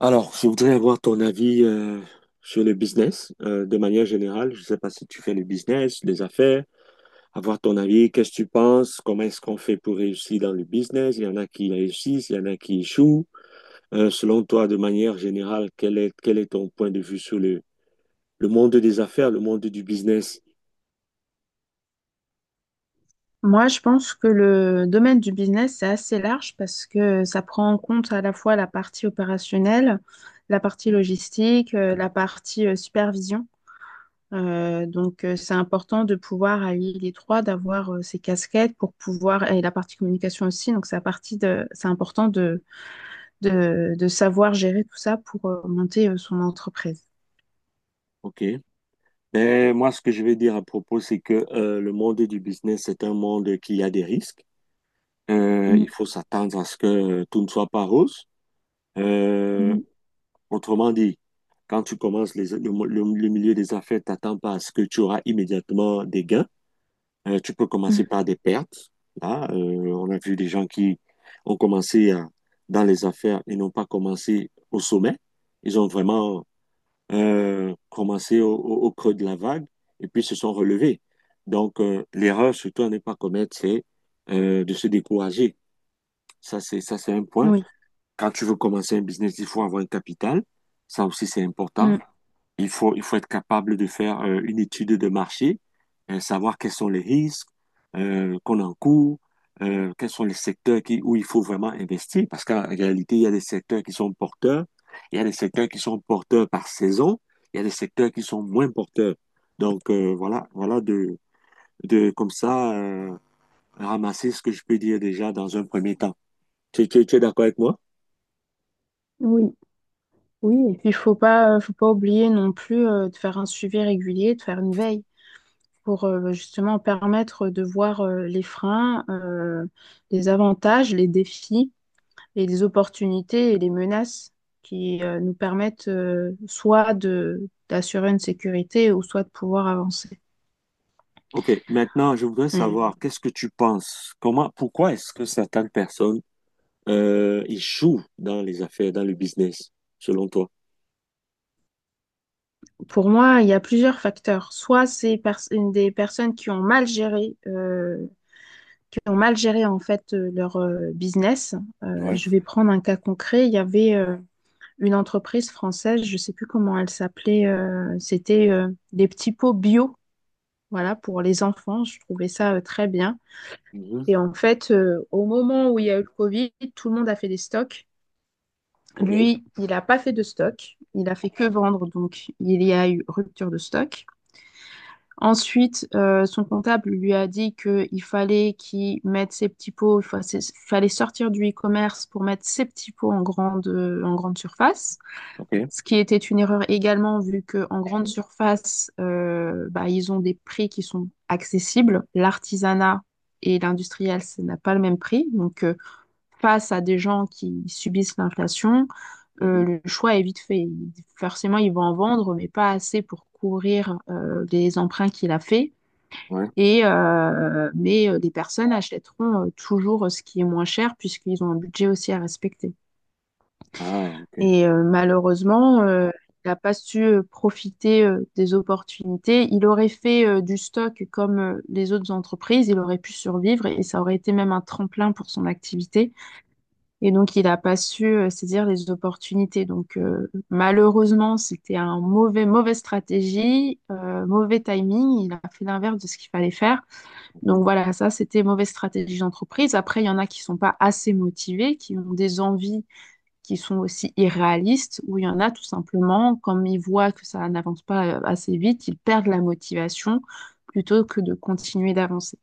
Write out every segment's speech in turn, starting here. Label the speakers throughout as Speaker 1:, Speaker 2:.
Speaker 1: Alors, je voudrais avoir ton avis sur le business de manière générale. Je ne sais pas si tu fais le business, les affaires. Avoir ton avis, qu'est-ce que tu penses? Comment est-ce qu'on fait pour réussir dans le business? Il y en a qui réussissent, il y en a qui échouent. Selon toi, de manière générale, quel est ton point de vue sur le monde des affaires, le monde du business?
Speaker 2: Moi, je pense que le domaine du business, c'est assez large parce que ça prend en compte à la fois la partie opérationnelle, la partie logistique, la partie supervision. Donc, c'est important de pouvoir allier les trois, d'avoir ces casquettes pour pouvoir, et la partie communication aussi. Donc, c'est la partie de, c'est important de savoir gérer tout ça pour monter son entreprise.
Speaker 1: OK. Ben, moi, ce que je vais dire à propos, c'est que le monde du business, c'est un monde qui a des risques. Il
Speaker 2: Mm,
Speaker 1: faut s'attendre à ce que tout ne soit pas rose. Euh,
Speaker 2: oui,
Speaker 1: Autrement dit, quand tu commences le milieu des affaires, t'attends pas à ce que tu auras immédiatement des gains. Tu peux commencer
Speaker 2: mm.
Speaker 1: par des pertes. Là, on a vu des gens qui ont commencé à- dans les affaires et n'ont pas commencé au sommet. Ils ont vraiment commencé au creux de la vague et puis se sont relevés. Donc, l'erreur, surtout à ne pas commettre, c'est de se décourager. Ça, c'est un point.
Speaker 2: Oui.
Speaker 1: Quand tu veux commencer un business, il faut avoir un capital. Ça aussi, c'est important.
Speaker 2: Mm.
Speaker 1: Il faut être capable de faire une étude de marché, savoir quels sont les risques qu'on encourt, quels sont où il faut vraiment investir, parce qu'en réalité, il y a des secteurs qui sont porteurs, il y a des secteurs qui sont porteurs par saison, il y a des secteurs qui sont moins porteurs. Donc voilà de comme ça ramasser ce que je peux dire déjà dans un premier temps. Tu es d'accord avec moi?
Speaker 2: Oui. Oui, et puis il faut pas oublier non plus de faire un suivi régulier, de faire une veille pour justement permettre de voir les freins, les avantages, les défis et les opportunités et les menaces qui nous permettent soit de d'assurer une sécurité ou soit de pouvoir avancer.
Speaker 1: Ok, maintenant je voudrais
Speaker 2: Mais
Speaker 1: savoir qu'est-ce que tu penses? Pourquoi est-ce que certaines personnes échouent dans les affaires, dans le business, selon toi?
Speaker 2: pour moi, il y a plusieurs facteurs. Soit une des personnes qui ont mal géré en fait leur business.
Speaker 1: Ouais.
Speaker 2: Je vais prendre un cas concret. Il y avait une entreprise française, je ne sais plus comment elle s'appelait. C'était des petits pots bio, voilà, pour les enfants. Je trouvais ça très bien.
Speaker 1: Mhm.
Speaker 2: Et en fait, au moment où il y a eu le Covid, tout le monde a fait des stocks.
Speaker 1: Ok.
Speaker 2: Lui, il n'a pas fait de stock. Il a fait que vendre, donc il y a eu rupture de stock. Ensuite, son comptable lui a dit qu'il fallait qu'il mette ses petits pots, fallait sortir du e-commerce pour mettre ses petits pots en grande surface,
Speaker 1: Ok.
Speaker 2: ce qui était une erreur également vu qu'en grande surface, bah, ils ont des prix qui sont accessibles. L'artisanat et l'industriel, ça n'a pas le même prix. Donc, face à des gens qui subissent l'inflation,
Speaker 1: Mhm.
Speaker 2: le choix est vite fait. Forcément, ils vont en vendre, mais pas assez pour couvrir les emprunts qu'il a faits.
Speaker 1: Ouais.
Speaker 2: Mais les personnes achèteront toujours ce qui est moins cher puisqu'ils ont un budget aussi à respecter.
Speaker 1: Ah, ok.
Speaker 2: Et malheureusement, il n'a pas su profiter des opportunités. Il aurait fait du stock comme les autres entreprises, il aurait pu survivre et ça aurait été même un tremplin pour son activité. Et donc, il n'a pas su saisir les opportunités. Donc, malheureusement, c'était mauvaise stratégie, mauvais timing. Il a fait l'inverse de ce qu'il fallait faire. Donc
Speaker 1: Mhm.
Speaker 2: voilà, ça, c'était mauvaise stratégie d'entreprise. Après, il y en a qui sont pas assez motivés, qui ont des envies qui sont aussi irréalistes, ou il y en a tout simplement, comme ils voient que ça n'avance pas assez vite, ils perdent la motivation plutôt que de continuer d'avancer.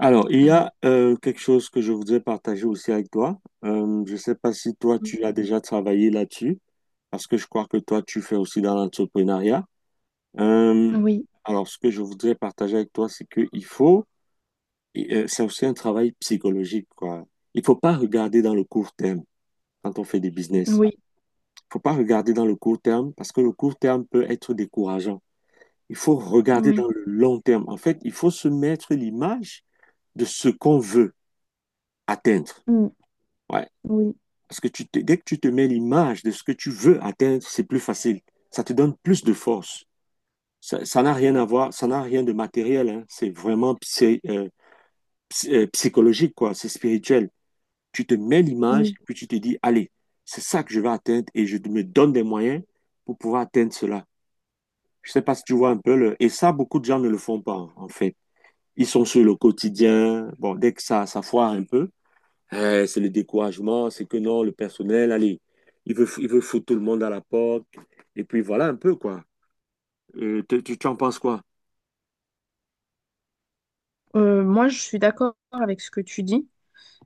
Speaker 1: Alors, il y
Speaker 2: Voilà.
Speaker 1: a quelque chose que je voudrais partager aussi avec toi. Je ne sais pas si toi, tu as déjà travaillé là-dessus, parce que je crois que toi, tu fais aussi dans l'entrepreneuriat. Euh,
Speaker 2: Oui,
Speaker 1: alors, ce que je voudrais partager avec toi, c'est qu'il faut, c'est aussi un travail psychologique, quoi. Il ne faut pas regarder dans le court terme quand on fait des business.
Speaker 2: oui,
Speaker 1: Faut pas regarder dans le court terme parce que le court terme peut être décourageant. Il faut regarder dans
Speaker 2: oui.
Speaker 1: le long terme. En fait, il faut se mettre l'image de ce qu'on veut atteindre.
Speaker 2: Mm,
Speaker 1: Ouais.
Speaker 2: oui,
Speaker 1: Parce que dès que tu te mets l'image de ce que tu veux atteindre, c'est plus facile. Ça te donne plus de force. Ça n'a rien à voir, ça n'a rien de matériel, hein. C'est vraiment psychologique, quoi. C'est spirituel. Tu te mets l'image,
Speaker 2: oui.
Speaker 1: puis tu te dis, allez, c'est ça que je vais atteindre et je me donne des moyens pour pouvoir atteindre cela. Je sais pas si tu vois un peu le... Et ça, beaucoup de gens ne le font pas, en fait. Ils sont sur le quotidien. Bon, dès que ça foire un peu, eh, c'est le découragement, c'est que non, le personnel, allez, il veut foutre tout le monde à la porte. Et puis voilà un peu, quoi. Tu en penses quoi?
Speaker 2: Moi, je suis d'accord avec ce que tu dis.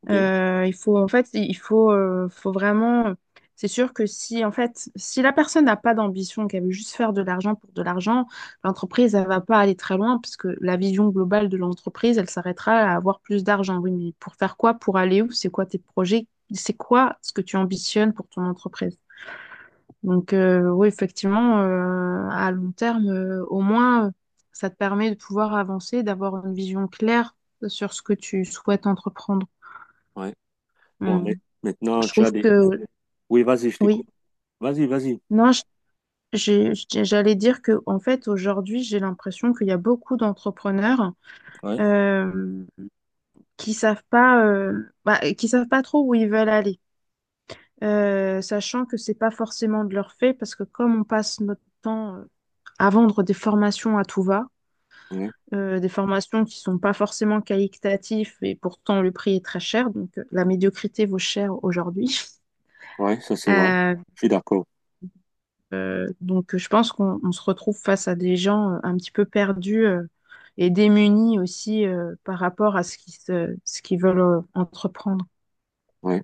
Speaker 1: OK,
Speaker 2: Il faut en fait, il faut, Faut vraiment. C'est sûr que si en fait, si la personne n'a pas d'ambition, qu'elle veut juste faire de l'argent pour de l'argent, l'entreprise, elle va pas aller très loin parce que la vision globale de l'entreprise, elle s'arrêtera à avoir plus d'argent. Oui, mais pour faire quoi? Pour aller où? C'est quoi tes projets? C'est quoi ce que tu ambitionnes pour ton entreprise? Donc, oui, effectivement, à long terme, au moins, ça te permet de pouvoir avancer, d'avoir une vision claire sur ce que tu souhaites entreprendre.
Speaker 1: ouais. Bon,
Speaker 2: Mm.
Speaker 1: mais maintenant,
Speaker 2: Je
Speaker 1: tu as
Speaker 2: trouve
Speaker 1: des...
Speaker 2: que
Speaker 1: Oui, vas-y, je t'écoute.
Speaker 2: oui.
Speaker 1: Vas-y, vas-y.
Speaker 2: Non, je- j'ai- J'allais dire que en fait aujourd'hui j'ai l'impression qu'il y a beaucoup d'entrepreneurs
Speaker 1: Ouais,
Speaker 2: euh, qui savent pas, bah, qui savent pas trop où ils veulent aller. Sachant que c'est pas forcément de leur fait parce que comme on passe notre temps à vendre des formations à tout va,
Speaker 1: ouais,
Speaker 2: des formations qui sont pas forcément qualitatives et pourtant le prix est très cher, donc la médiocrité vaut cher aujourd'hui.
Speaker 1: ouais, ça c'est vrai. Je suis d'accord.
Speaker 2: Donc, je pense qu'on on se retrouve face à des gens un petit peu perdus et démunis aussi par rapport à ce qu'ils veulent entreprendre.
Speaker 1: Ouais,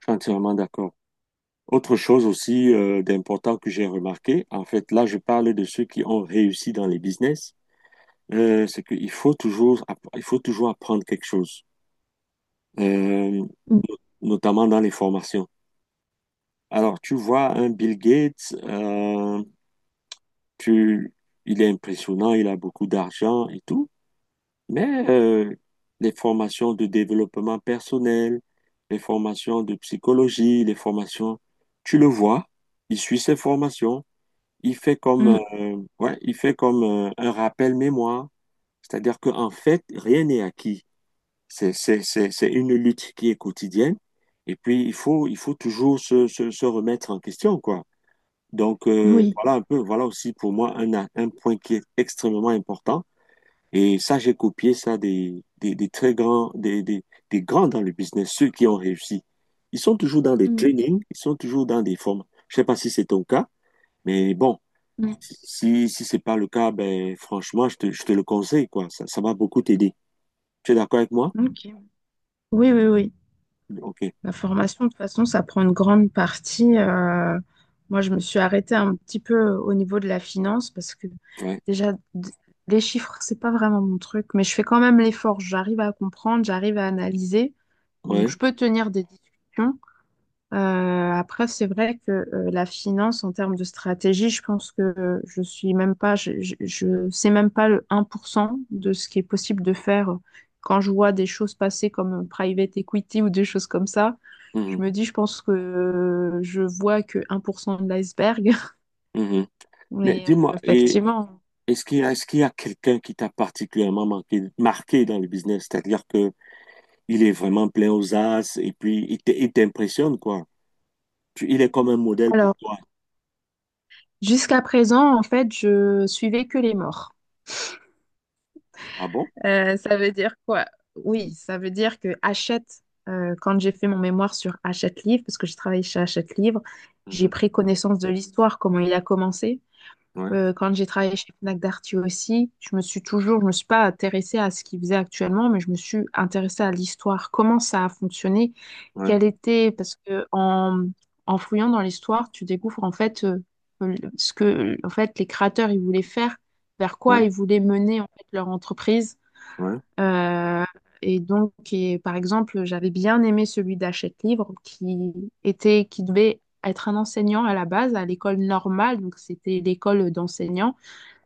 Speaker 1: je suis entièrement d'accord. Autre chose aussi d'important que j'ai remarqué, en fait, là, je parle de ceux qui ont réussi dans les business, c'est qu'il faut toujours, il faut toujours apprendre quelque chose, euh,
Speaker 2: Mm,
Speaker 1: notamment dans les formations. Alors, tu vois, un Bill Gates, tu, il est impressionnant, il a beaucoup d'argent et tout, mais les formations de développement personnel, les formations de psychologie, les formations, tu le vois, il suit ses formations. Il fait comme,
Speaker 2: mm,
Speaker 1: ouais, il fait comme un rappel mémoire, c'est-à-dire qu'en fait, rien n'est acquis. C'est une lutte qui est quotidienne, et puis il faut toujours se remettre en question, quoi. Donc
Speaker 2: oui.
Speaker 1: voilà un peu, voilà aussi pour moi un point qui est extrêmement important. Et ça, j'ai copié ça des très grands, des grands dans le business, ceux qui ont réussi. Ils sont toujours dans des
Speaker 2: Mm,
Speaker 1: trainings, ils sont toujours dans des formes. Je sais pas si c'est ton cas, mais bon.
Speaker 2: mm.
Speaker 1: Si, si c'est pas le cas, ben, franchement, je te le conseille, quoi. Ça va beaucoup t'aider. Tu es d'accord avec moi?
Speaker 2: Ok. Oui, oui, oui.
Speaker 1: Ok.
Speaker 2: La formation, de toute façon, ça prend une grande partie. Moi, je me suis arrêtée un petit peu au niveau de la finance parce que
Speaker 1: Ouais.
Speaker 2: déjà, les chiffres, c'est pas vraiment mon truc, mais je fais quand même l'effort. J'arrive à comprendre, j'arrive à analyser. Donc,
Speaker 1: Ouais.
Speaker 2: je peux tenir des discussions. Après, c'est vrai que la finance, en termes de stratégie, je pense que je sais même pas le 1 % de ce qui est possible de faire quand je vois des choses passer comme private equity ou des choses comme ça.
Speaker 1: Mhm.
Speaker 2: Je pense que je vois que 1 % de l'iceberg.
Speaker 1: Mhm. Mais
Speaker 2: Mais
Speaker 1: dis-moi, et
Speaker 2: effectivement.
Speaker 1: est-ce qu'il y a quelqu'un qui t'a particulièrement marqué dans le business? C'est-à-dire que il est vraiment plein aux as et puis il t'impressionne, quoi. Il est comme un modèle pour
Speaker 2: Alors,
Speaker 1: toi.
Speaker 2: jusqu'à présent, en fait, je suivais que les morts.
Speaker 1: Ah bon?
Speaker 2: Ça veut dire quoi? Oui, ça veut dire que Hachette, quand j'ai fait mon mémoire sur Hachette Livre, parce que j'ai travaillé chez Hachette Livre, j'ai
Speaker 1: Mhm.
Speaker 2: pris connaissance de l'histoire, comment il a commencé.
Speaker 1: Ouais.
Speaker 2: Quand j'ai travaillé chez Fnac Darty aussi, je me suis pas intéressée à ce qu'ils faisaient actuellement, mais je me suis intéressée à l'histoire, comment ça a fonctionné,
Speaker 1: Ouais.
Speaker 2: quelle était, parce que en fouillant dans l'histoire, tu découvres en fait ce que en fait les créateurs ils voulaient faire, vers quoi
Speaker 1: Ouais.
Speaker 2: ils voulaient mener en fait leur entreprise,
Speaker 1: Ouais.
Speaker 2: euh, et donc, et par exemple, j'avais bien aimé celui d'Hachette Livre qui était, qui devait être un enseignant à la base à l'école normale, donc c'était l'école d'enseignants,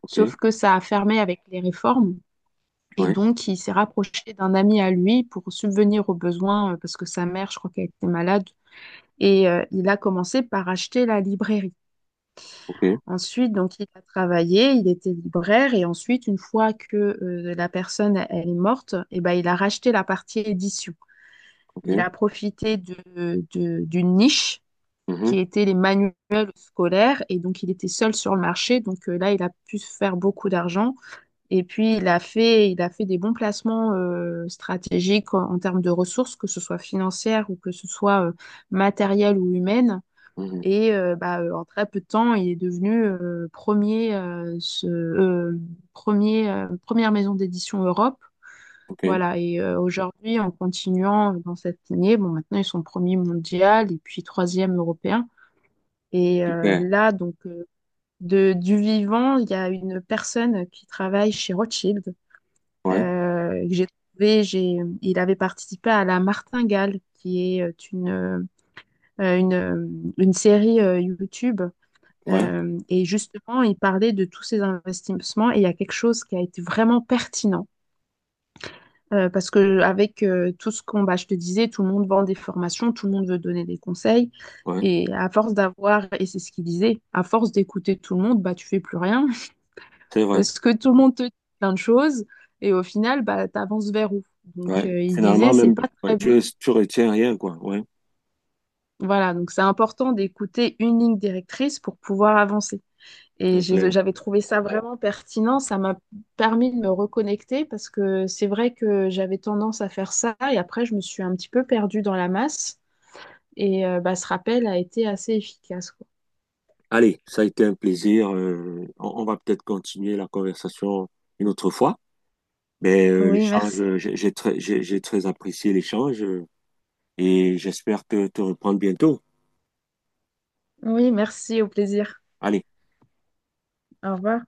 Speaker 1: Ok.
Speaker 2: sauf que ça a fermé avec les réformes. Et
Speaker 1: Ouais.
Speaker 2: donc, il s'est rapproché d'un ami à lui pour subvenir aux besoins parce que sa mère, je crois qu'elle était malade. Et il a commencé par acheter la librairie.
Speaker 1: Ok.
Speaker 2: Ensuite, donc, il a travaillé, il était libraire, et ensuite, une fois que la personne elle est morte, eh ben, il a racheté la partie édition.
Speaker 1: Ok.
Speaker 2: Il a profité d'une niche
Speaker 1: Mhm.
Speaker 2: qui était les manuels scolaires, et donc il était seul sur le marché. Donc, là, il a pu se faire beaucoup d'argent. Et puis, il a fait des bons placements stratégiques en termes de ressources, que ce soit financières ou que ce soit matérielles ou humaines.
Speaker 1: Mhm.
Speaker 2: Et en très peu de temps, il est devenu premier, première maison d'édition Europe.
Speaker 1: Ok.
Speaker 2: Voilà, et aujourd'hui, en continuant dans cette lignée, bon, maintenant ils sont premiers mondial et puis troisième européen. Et
Speaker 1: Super.
Speaker 2: du vivant, il y a une personne qui travaille chez Rothschild,
Speaker 1: Ouais.
Speaker 2: que il avait participé à La Martingale, qui est une, euh, une série YouTube,
Speaker 1: Ouais.
Speaker 2: et justement, il parlait de tous ces investissements et il y a quelque chose qui a été vraiment pertinent. Parce que avec tout ce qu'on, bah, je te disais, tout le monde vend des formations, tout le monde veut donner des conseils.
Speaker 1: Ouais.
Speaker 2: Et à force d'avoir, et c'est ce qu'il disait, à force d'écouter tout le monde, bah, tu fais plus rien.
Speaker 1: C'est vrai.
Speaker 2: Parce que tout le monde te dit plein de choses. Et au final, bah, tu avances vers où? Donc,
Speaker 1: Ouais,
Speaker 2: il disait,
Speaker 1: finalement,
Speaker 2: c'est
Speaker 1: même,
Speaker 2: pas
Speaker 1: ouais,
Speaker 2: très bon.
Speaker 1: tu retiens rien, quoi. Ouais,
Speaker 2: Voilà, donc c'est important d'écouter une ligne directrice pour pouvoir avancer.
Speaker 1: c'est clair.
Speaker 2: J'avais trouvé ça vraiment pertinent. Ça m'a permis de me reconnecter parce que c'est vrai que j'avais tendance à faire ça et après, je me suis un petit peu perdue dans la masse. Et bah, ce rappel a été assez efficace, quoi.
Speaker 1: Allez, ça a été un plaisir. On va peut-être continuer la conversation une autre fois. Mais
Speaker 2: Oui,
Speaker 1: l'échange,
Speaker 2: merci.
Speaker 1: j'ai très apprécié l'échange et j'espère te reprendre bientôt.
Speaker 2: Oui, merci, au plaisir.
Speaker 1: Allez.
Speaker 2: Au revoir.